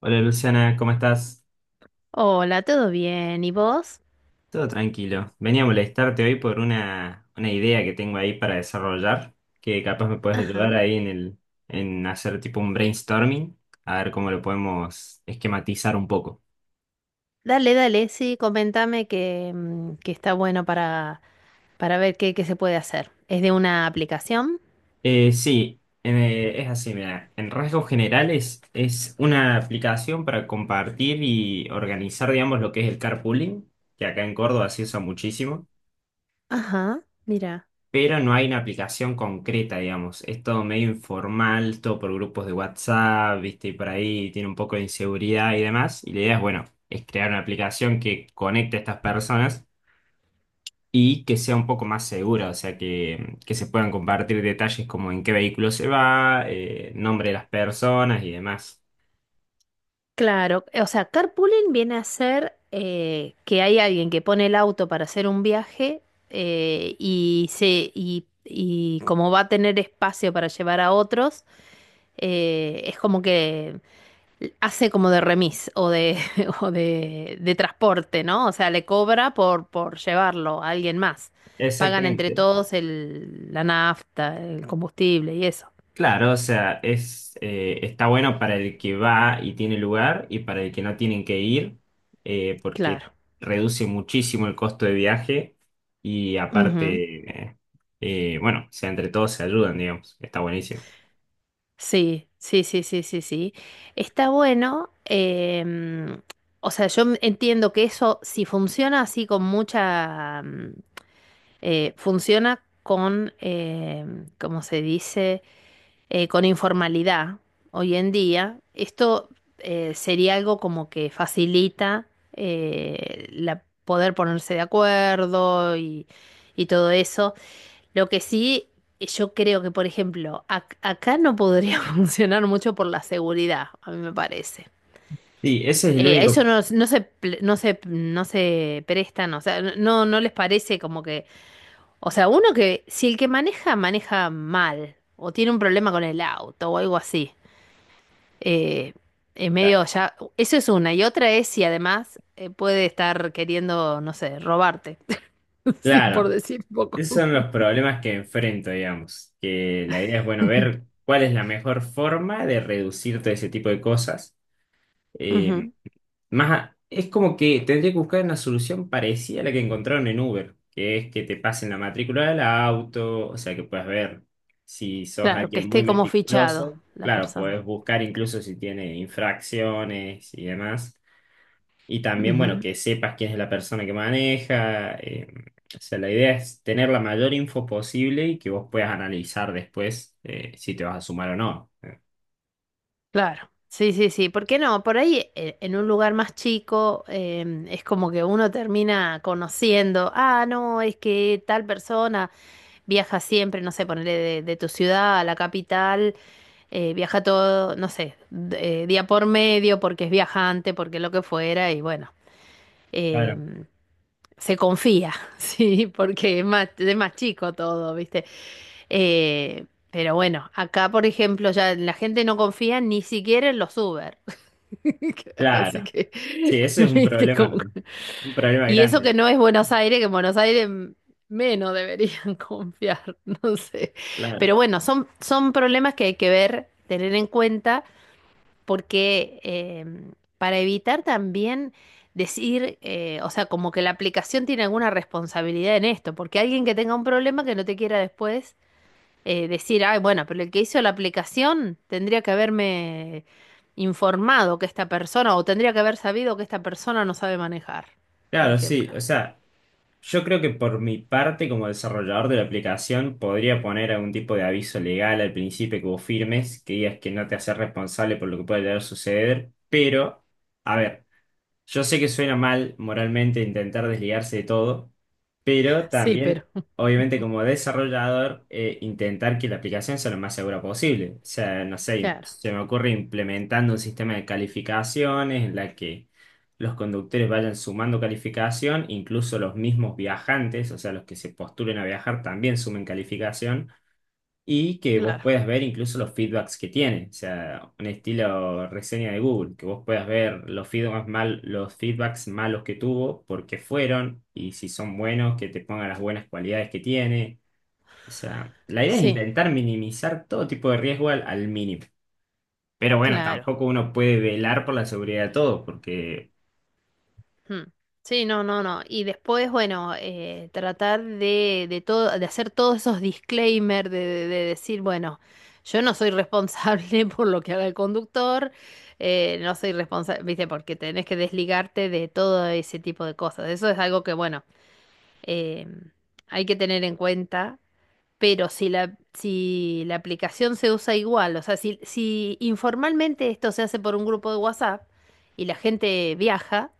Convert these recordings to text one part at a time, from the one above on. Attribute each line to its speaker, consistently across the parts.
Speaker 1: Hola Luciana, ¿cómo estás?
Speaker 2: Hola, ¿todo bien? ¿Y vos?
Speaker 1: Todo tranquilo. Venía a molestarte hoy por una idea que tengo ahí para desarrollar, que capaz me puedes
Speaker 2: Ajá.
Speaker 1: ayudar ahí en en hacer tipo un brainstorming, a ver cómo lo podemos esquematizar un poco.
Speaker 2: Dale, dale, sí, comentame que está bueno para ver qué, qué se puede hacer. ¿Es de una aplicación?
Speaker 1: Sí, es así, mira, en rasgos generales es una aplicación para compartir y organizar, digamos, lo que es el carpooling, que acá en Córdoba se usa muchísimo.
Speaker 2: Ajá, mira.
Speaker 1: Pero no hay una aplicación concreta, digamos. Es todo medio informal, todo por grupos de WhatsApp, ¿viste? Y por ahí tiene un poco de inseguridad y demás. Y la idea es, bueno, es crear una aplicación que conecte a estas personas y que sea un poco más segura, o sea, que se puedan compartir detalles como en qué vehículo se va, nombre de las personas y demás.
Speaker 2: Claro, o sea, carpooling viene a ser que hay alguien que pone el auto para hacer un viaje eh, y, se, y como va a tener espacio para llevar a otros, es como que hace como de remis o de transporte, ¿no? O sea, le cobra por llevarlo a alguien más. Pagan entre
Speaker 1: Exactamente.
Speaker 2: todos el, la nafta, el combustible y eso.
Speaker 1: Claro, o sea, está bueno para el que va y tiene lugar y para el que no tienen que ir, porque
Speaker 2: Claro.
Speaker 1: reduce muchísimo el costo de viaje y
Speaker 2: Ujú.
Speaker 1: aparte, bueno, o sea, entre todos se ayudan, digamos, está buenísimo.
Speaker 2: Sí, sí, sí, sí, sí, sí. Está bueno. O sea, yo m- entiendo que eso, si funciona así con mucha funciona con, ¿cómo se dice? Con informalidad hoy en día, esto sería algo como que facilita la, poder ponerse de acuerdo y todo eso. Lo que sí, yo creo que, por ejemplo, ac- acá no podría funcionar mucho por la seguridad, a mí me parece.
Speaker 1: Sí, ese es el
Speaker 2: A eso
Speaker 1: único.
Speaker 2: no, no se, ple- no se, no se prestan, o sea, no, no no les parece como que... O sea, uno que si el que maneja maneja mal o tiene un problema con el auto o algo así, eh, en medio ya, eso es una. Y otra es si además puede estar queriendo, no sé, robarte. Sí, por
Speaker 1: Claro,
Speaker 2: decir poco.
Speaker 1: esos son los problemas que enfrento, digamos, que la idea es, bueno, ver cuál es la mejor forma de reducir todo ese tipo de cosas.
Speaker 2: Ujú.
Speaker 1: Más, es como que tendría que buscar una solución parecida a la que encontraron en Uber, que es que te pasen la matrícula del auto, o sea que puedes ver si sos
Speaker 2: Claro, que
Speaker 1: alguien
Speaker 2: esté
Speaker 1: muy
Speaker 2: como fichado
Speaker 1: meticuloso.
Speaker 2: la
Speaker 1: Claro,
Speaker 2: persona.
Speaker 1: puedes buscar incluso si tiene infracciones y demás. Y también, bueno,
Speaker 2: Ujú.
Speaker 1: que sepas quién es la persona que maneja. O sea, la idea es tener la mayor info posible y que vos puedas analizar después si te vas a sumar o no.
Speaker 2: Claro, sí, sí, sí, ¿por qué no? Por ahí en un lugar más chico es como que uno termina conociendo, ah, no, es que tal persona viaja siempre, no sé, ponerle de tu ciudad a la capital, viaja todo, no sé, d- día por medio, porque es viajante, porque lo que fuera, y bueno,
Speaker 1: Claro.
Speaker 2: em, se confía, sí, porque es más chico todo, ¿viste? Pero bueno, acá, por ejemplo, ya la gente no confía ni siquiera en los Uber. Así
Speaker 1: Claro.
Speaker 2: que,
Speaker 1: Sí, eso es
Speaker 2: ¿viste? Como...
Speaker 1: un problema
Speaker 2: Y eso que
Speaker 1: grande.
Speaker 2: no es Buenos Aires, que en Buenos Aires m- menos deberían confiar, no sé.
Speaker 1: Claro,
Speaker 2: Pero bueno, son, son problemas que hay que ver, tener en cuenta porque para evitar también decir, o sea, como que la aplicación tiene alguna responsabilidad en esto, porque alguien que tenga un problema que no te quiera después decir, ay, bueno, pero el que hizo la aplicación tendría que haberme informado que esta persona, o tendría que haber sabido que esta persona no sabe manejar, por
Speaker 1: claro, sí.
Speaker 2: ejemplo.
Speaker 1: O sea, yo creo que por mi parte, como desarrollador de la aplicación, podría poner algún tipo de aviso legal al principio que vos firmes, que digas que no te haces responsable por lo que pueda llegar a suceder. Pero, a ver. Yo sé que suena mal moralmente intentar desligarse de todo, pero
Speaker 2: Sí, pero
Speaker 1: también, obviamente, como desarrollador, intentar que la aplicación sea lo más segura posible. O sea, no sé,
Speaker 2: claro,
Speaker 1: se me ocurre implementando un sistema de calificaciones en la que los conductores vayan sumando calificación, incluso los mismos viajantes, o sea, los que se postulen a viajar también sumen calificación y que vos
Speaker 2: claro.
Speaker 1: puedas ver incluso los feedbacks que tiene, o sea, un estilo reseña de Google, que vos puedas ver los feedbacks mal, los feedbacks malos que tuvo, por qué fueron y si son buenos, que te pongan las buenas cualidades que tiene. O sea, la idea es
Speaker 2: Sí,
Speaker 1: intentar minimizar todo tipo de riesgo al mínimo. Pero bueno,
Speaker 2: claro.
Speaker 1: tampoco uno puede velar por la seguridad de todos, porque
Speaker 2: Hmm. Sí, no, no, no. Y después, bueno, tratar de todo, de hacer todos esos disclaimers, de decir, bueno, yo no soy responsable por lo que haga el conductor, no soy responsable, viste, porque tenés que desligarte de todo ese tipo de cosas. Eso es algo que, bueno, eh, hay que tener en cuenta. Pero si la, si la aplicación se usa igual, o sea, si, si informalmente esto se hace por un grupo de WhatsApp y la gente viaja,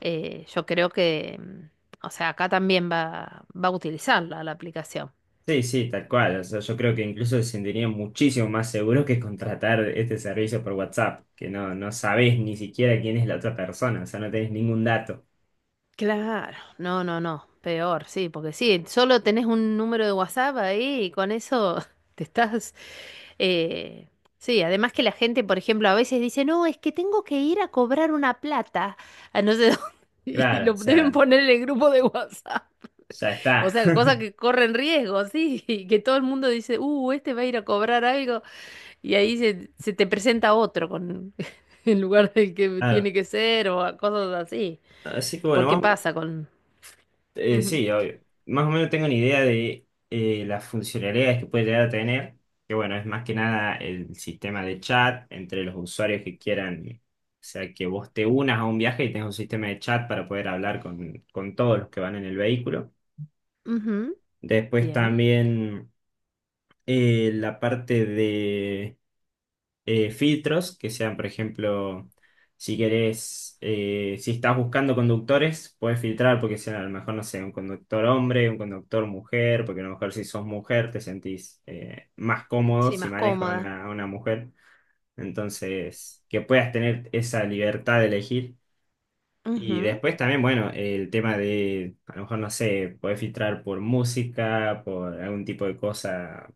Speaker 2: yo creo que, o sea, acá también va, va a utilizarla la aplicación.
Speaker 1: sí, sí, tal cual. O sea, yo creo que incluso se sentirían muchísimo más seguros que contratar este servicio por WhatsApp, que no, no sabés ni siquiera quién es la otra persona, o sea, no tenés ningún dato.
Speaker 2: Claro, no, no, no, peor, sí, porque sí, solo tenés un número de WhatsApp ahí y con eso te estás... eh, sí, además que la gente, por ejemplo, a veces dice, no, es que tengo que ir a cobrar una plata a no sé dónde y
Speaker 1: Claro,
Speaker 2: lo
Speaker 1: o sea,
Speaker 2: deben poner en el grupo de WhatsApp.
Speaker 1: ya
Speaker 2: O
Speaker 1: está.
Speaker 2: sea, cosas que corren riesgo, sí, y que todo el mundo dice, este va a ir a cobrar algo. Y ahí se, se te presenta otro con en lugar del que
Speaker 1: Claro.
Speaker 2: tiene que ser o a- cosas así.
Speaker 1: Así que bueno,
Speaker 2: Porque
Speaker 1: más o menos,
Speaker 2: pasa con... Ujú,
Speaker 1: sí, obvio. Más o menos tengo una idea de las funcionalidades que puede llegar a tener, que bueno, es más que nada el sistema de chat entre los usuarios que quieran. O sea, que vos te unas a un viaje y tengas un sistema de chat para poder hablar con todos los que van en el vehículo.
Speaker 2: ujú,
Speaker 1: Después
Speaker 2: bien.
Speaker 1: también la parte de filtros, que sean, por ejemplo, si querés, si estás buscando conductores, puedes filtrar porque sean a lo mejor, no sé, un conductor hombre, un conductor mujer, porque a lo mejor si sos mujer te sentís más cómodo
Speaker 2: Sí,
Speaker 1: si
Speaker 2: más
Speaker 1: manejas a
Speaker 2: cómoda.
Speaker 1: a una mujer. Entonces, que puedas tener esa libertad de elegir. Y
Speaker 2: Ujú,
Speaker 1: después también, bueno, el tema de, a lo mejor, no sé, podés filtrar por música, por algún tipo de cosa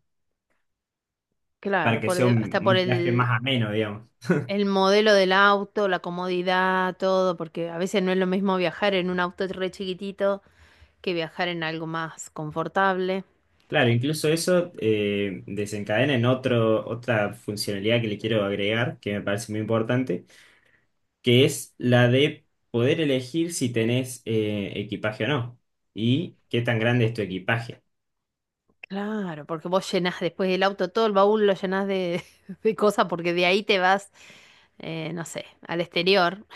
Speaker 1: para
Speaker 2: claro,
Speaker 1: que
Speaker 2: por
Speaker 1: sea
Speaker 2: el- hasta por
Speaker 1: un viaje más ameno, digamos.
Speaker 2: el modelo del auto, la comodidad, todo, porque a veces no es lo mismo viajar en un auto re chiquitito que viajar en algo más confortable.
Speaker 1: Claro, incluso eso desencadena en otra funcionalidad que le quiero agregar, que me parece muy importante, que es la de poder elegir si tenés equipaje o no y qué tan grande es tu equipaje.
Speaker 2: Claro, porque vos llenás después del auto todo el baúl, lo llenás de, de cosas, porque de ahí te vas, no sé, al exterior.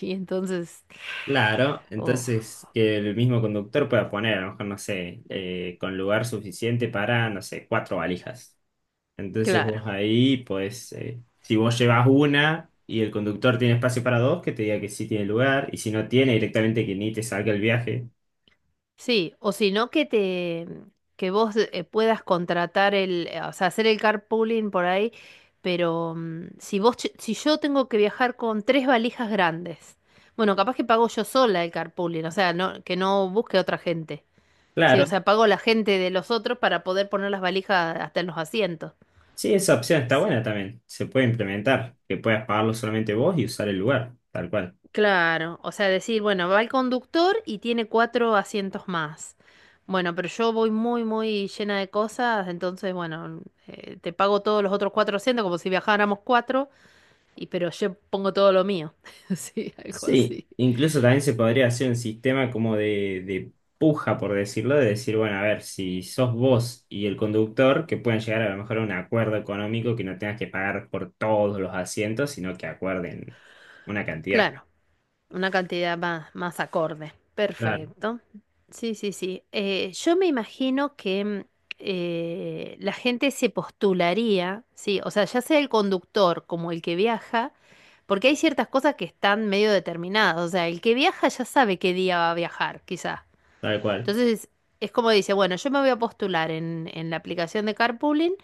Speaker 2: Y entonces,
Speaker 1: Claro,
Speaker 2: oh,
Speaker 1: entonces que el mismo conductor pueda poner, a lo mejor, no sé, con lugar suficiente para, no sé, cuatro valijas. Entonces
Speaker 2: claro,
Speaker 1: vos ahí, pues, si vos llevas una y el conductor tiene espacio para dos, que te diga que sí tiene lugar, y si no tiene, directamente que ni te salga el viaje.
Speaker 2: sí, o si no que te, que vos puedas contratar el, o sea, hacer el carpooling por ahí, pero si vos, ch- si yo tengo que viajar con tres valijas grandes, bueno, capaz que pago yo sola el carpooling, o sea, no, que no busque otra gente. Sí, o
Speaker 1: Claro,
Speaker 2: sea, pago la gente de los otros para poder poner las valijas hasta en los asientos.
Speaker 1: sí, esa opción está
Speaker 2: Sí.
Speaker 1: buena también, se puede implementar, que puedas pagarlo solamente vos y usar el lugar, tal cual.
Speaker 2: Claro, o sea, decir, bueno, va el conductor y tiene cuatro asientos más. Bueno, pero yo voy muy, muy llena de cosas, entonces, bueno, te pago todos los otros cuatro asientos como si viajáramos cuatro, y pero yo pongo todo lo mío. Sí, algo
Speaker 1: Sí,
Speaker 2: así.
Speaker 1: incluso también se podría hacer un sistema como de, puja, por decirlo, de decir, bueno, a ver, si sos vos y el conductor, que puedan llegar a lo mejor a un acuerdo económico que no tengas que pagar por todos los asientos, sino que acuerden una cantidad.
Speaker 2: Claro. Una cantidad más, más acorde.
Speaker 1: Claro,
Speaker 2: Perfecto. Sí, sí, sí. Yo me imagino que la gente se postularía, sí, o sea, ya sea el conductor como el que viaja, porque hay ciertas cosas que están medio determinadas. O sea, el que viaja ya sabe qué día va a viajar, quizás.
Speaker 1: tal cual.
Speaker 2: Entonces, es como dice, bueno, yo me voy a postular en la aplicación de carpooling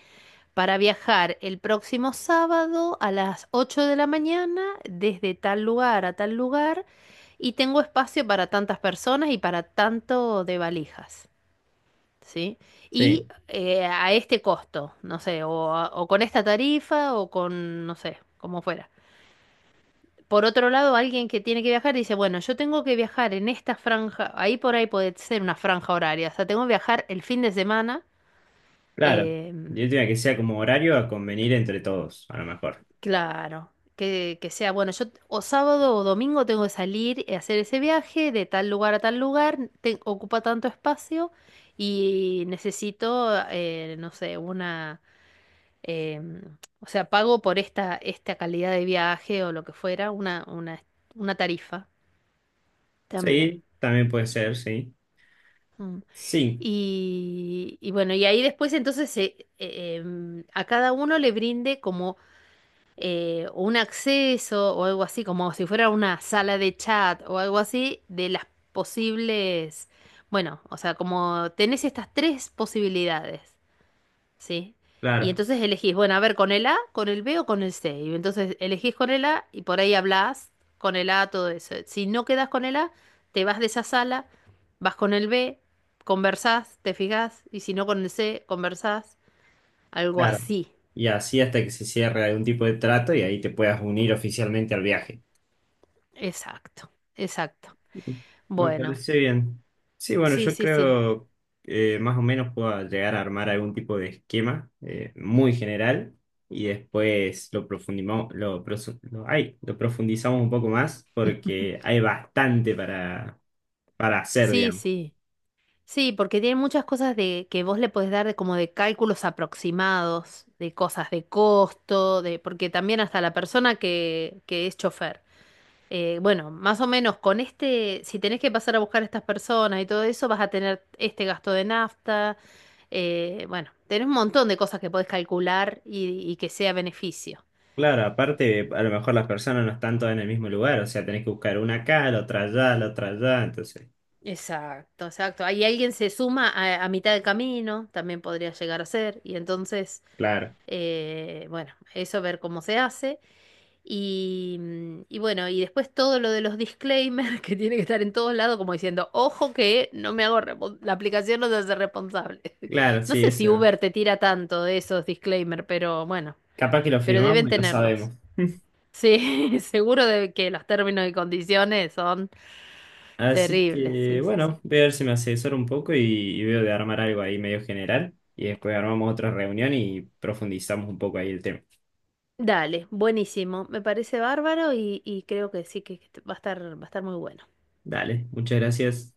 Speaker 2: para viajar el próximo sábado a las 8 de la mañana desde tal lugar a tal lugar y tengo espacio para tantas personas y para tanto de valijas, ¿sí? Y
Speaker 1: Sí,
Speaker 2: a este costo, no sé, o, a- o con esta tarifa o con, no sé, como fuera. Por otro lado, alguien que tiene que viajar dice, bueno, yo tengo que viajar en esta franja, ahí por ahí puede ser una franja horaria, o sea, tengo que viajar el fin de semana.
Speaker 1: claro.
Speaker 2: eh,
Speaker 1: Yo diría que sea como horario a convenir entre todos, a lo mejor.
Speaker 2: Claro, que sea, bueno, yo o sábado o domingo tengo que salir y hacer ese viaje de tal lugar a tal lugar, te- ocupa tanto espacio y necesito, no sé, una, o sea, pago por esta, esta calidad de viaje o lo que fuera, una tarifa también.
Speaker 1: Sí, también puede ser, sí.
Speaker 2: Mm.
Speaker 1: Sí,
Speaker 2: Y bueno, y ahí después entonces se- a cada uno le brinde como o un acceso o algo así, como si fuera una sala de chat o algo así, de las posibles, bueno, o sea, como tenés estas tres posibilidades, ¿sí? Y
Speaker 1: claro,
Speaker 2: entonces elegís, bueno, a ver, con el A, con el B o con el C. Y entonces elegís con el A y por ahí hablás con el A, todo eso. Si no quedás con el A, te vas de esa sala, vas con el B, conversás, te fijás, y si no con el C, conversás, algo
Speaker 1: claro.
Speaker 2: así.
Speaker 1: Y así hasta que se cierre algún tipo de trato y ahí te puedas unir oficialmente al viaje.
Speaker 2: Exacto, exacto.
Speaker 1: Me
Speaker 2: Bueno,
Speaker 1: parece bien. Sí, bueno,
Speaker 2: sí,
Speaker 1: yo
Speaker 2: sí, sí.
Speaker 1: creo que más o menos puedo llegar a armar algún tipo de esquema muy general y después lo profundimos, lo, prosu- lo- ay, lo profundizamos un poco más porque hay bastante para hacer,
Speaker 2: Sí,
Speaker 1: digamos.
Speaker 2: sí. Sí, porque tiene muchas cosas de que vos le podés dar de como de cálculos aproximados, de cosas de costo, de porque también hasta la persona que es chofer. Bueno, más o menos con este, si tenés que pasar a buscar a estas personas y todo eso, vas a tener este gasto de nafta. Bueno, tenés un montón de cosas que podés calcular y que sea beneficio.
Speaker 1: Claro, aparte, a lo mejor las personas no están todas en el mismo lugar, o sea, tenés que buscar una acá, la otra allá, entonces,
Speaker 2: Exacto, exacto. Ahí alguien se suma a mitad de camino, también podría llegar a ser, y entonces,
Speaker 1: claro,
Speaker 2: bueno, eso ver cómo se hace. Y, y bueno, y después todo lo de los disclaimers que tiene que estar en todos lados, como diciendo, ojo que no me hago, respon- la aplicación no se hace responsable.
Speaker 1: claro,
Speaker 2: No
Speaker 1: sí,
Speaker 2: sé si
Speaker 1: eso.
Speaker 2: Uber te tira tanto de esos disclaimers, pero bueno,
Speaker 1: Capaz que lo
Speaker 2: pero
Speaker 1: firmamos
Speaker 2: deben
Speaker 1: y lo
Speaker 2: tenerlos.
Speaker 1: sabemos.
Speaker 2: Sí, seguro de que los términos y condiciones son
Speaker 1: Así
Speaker 2: terribles.
Speaker 1: que,
Speaker 2: Sí, sí,
Speaker 1: bueno,
Speaker 2: sí.
Speaker 1: voy a ver si me asesoro un poco y veo de armar algo ahí medio general. Y después armamos otra reunión y profundizamos un poco ahí el tema.
Speaker 2: Dale, buenísimo. Me parece bárbaro y creo que sí que va a estar muy bueno.
Speaker 1: Dale, muchas gracias.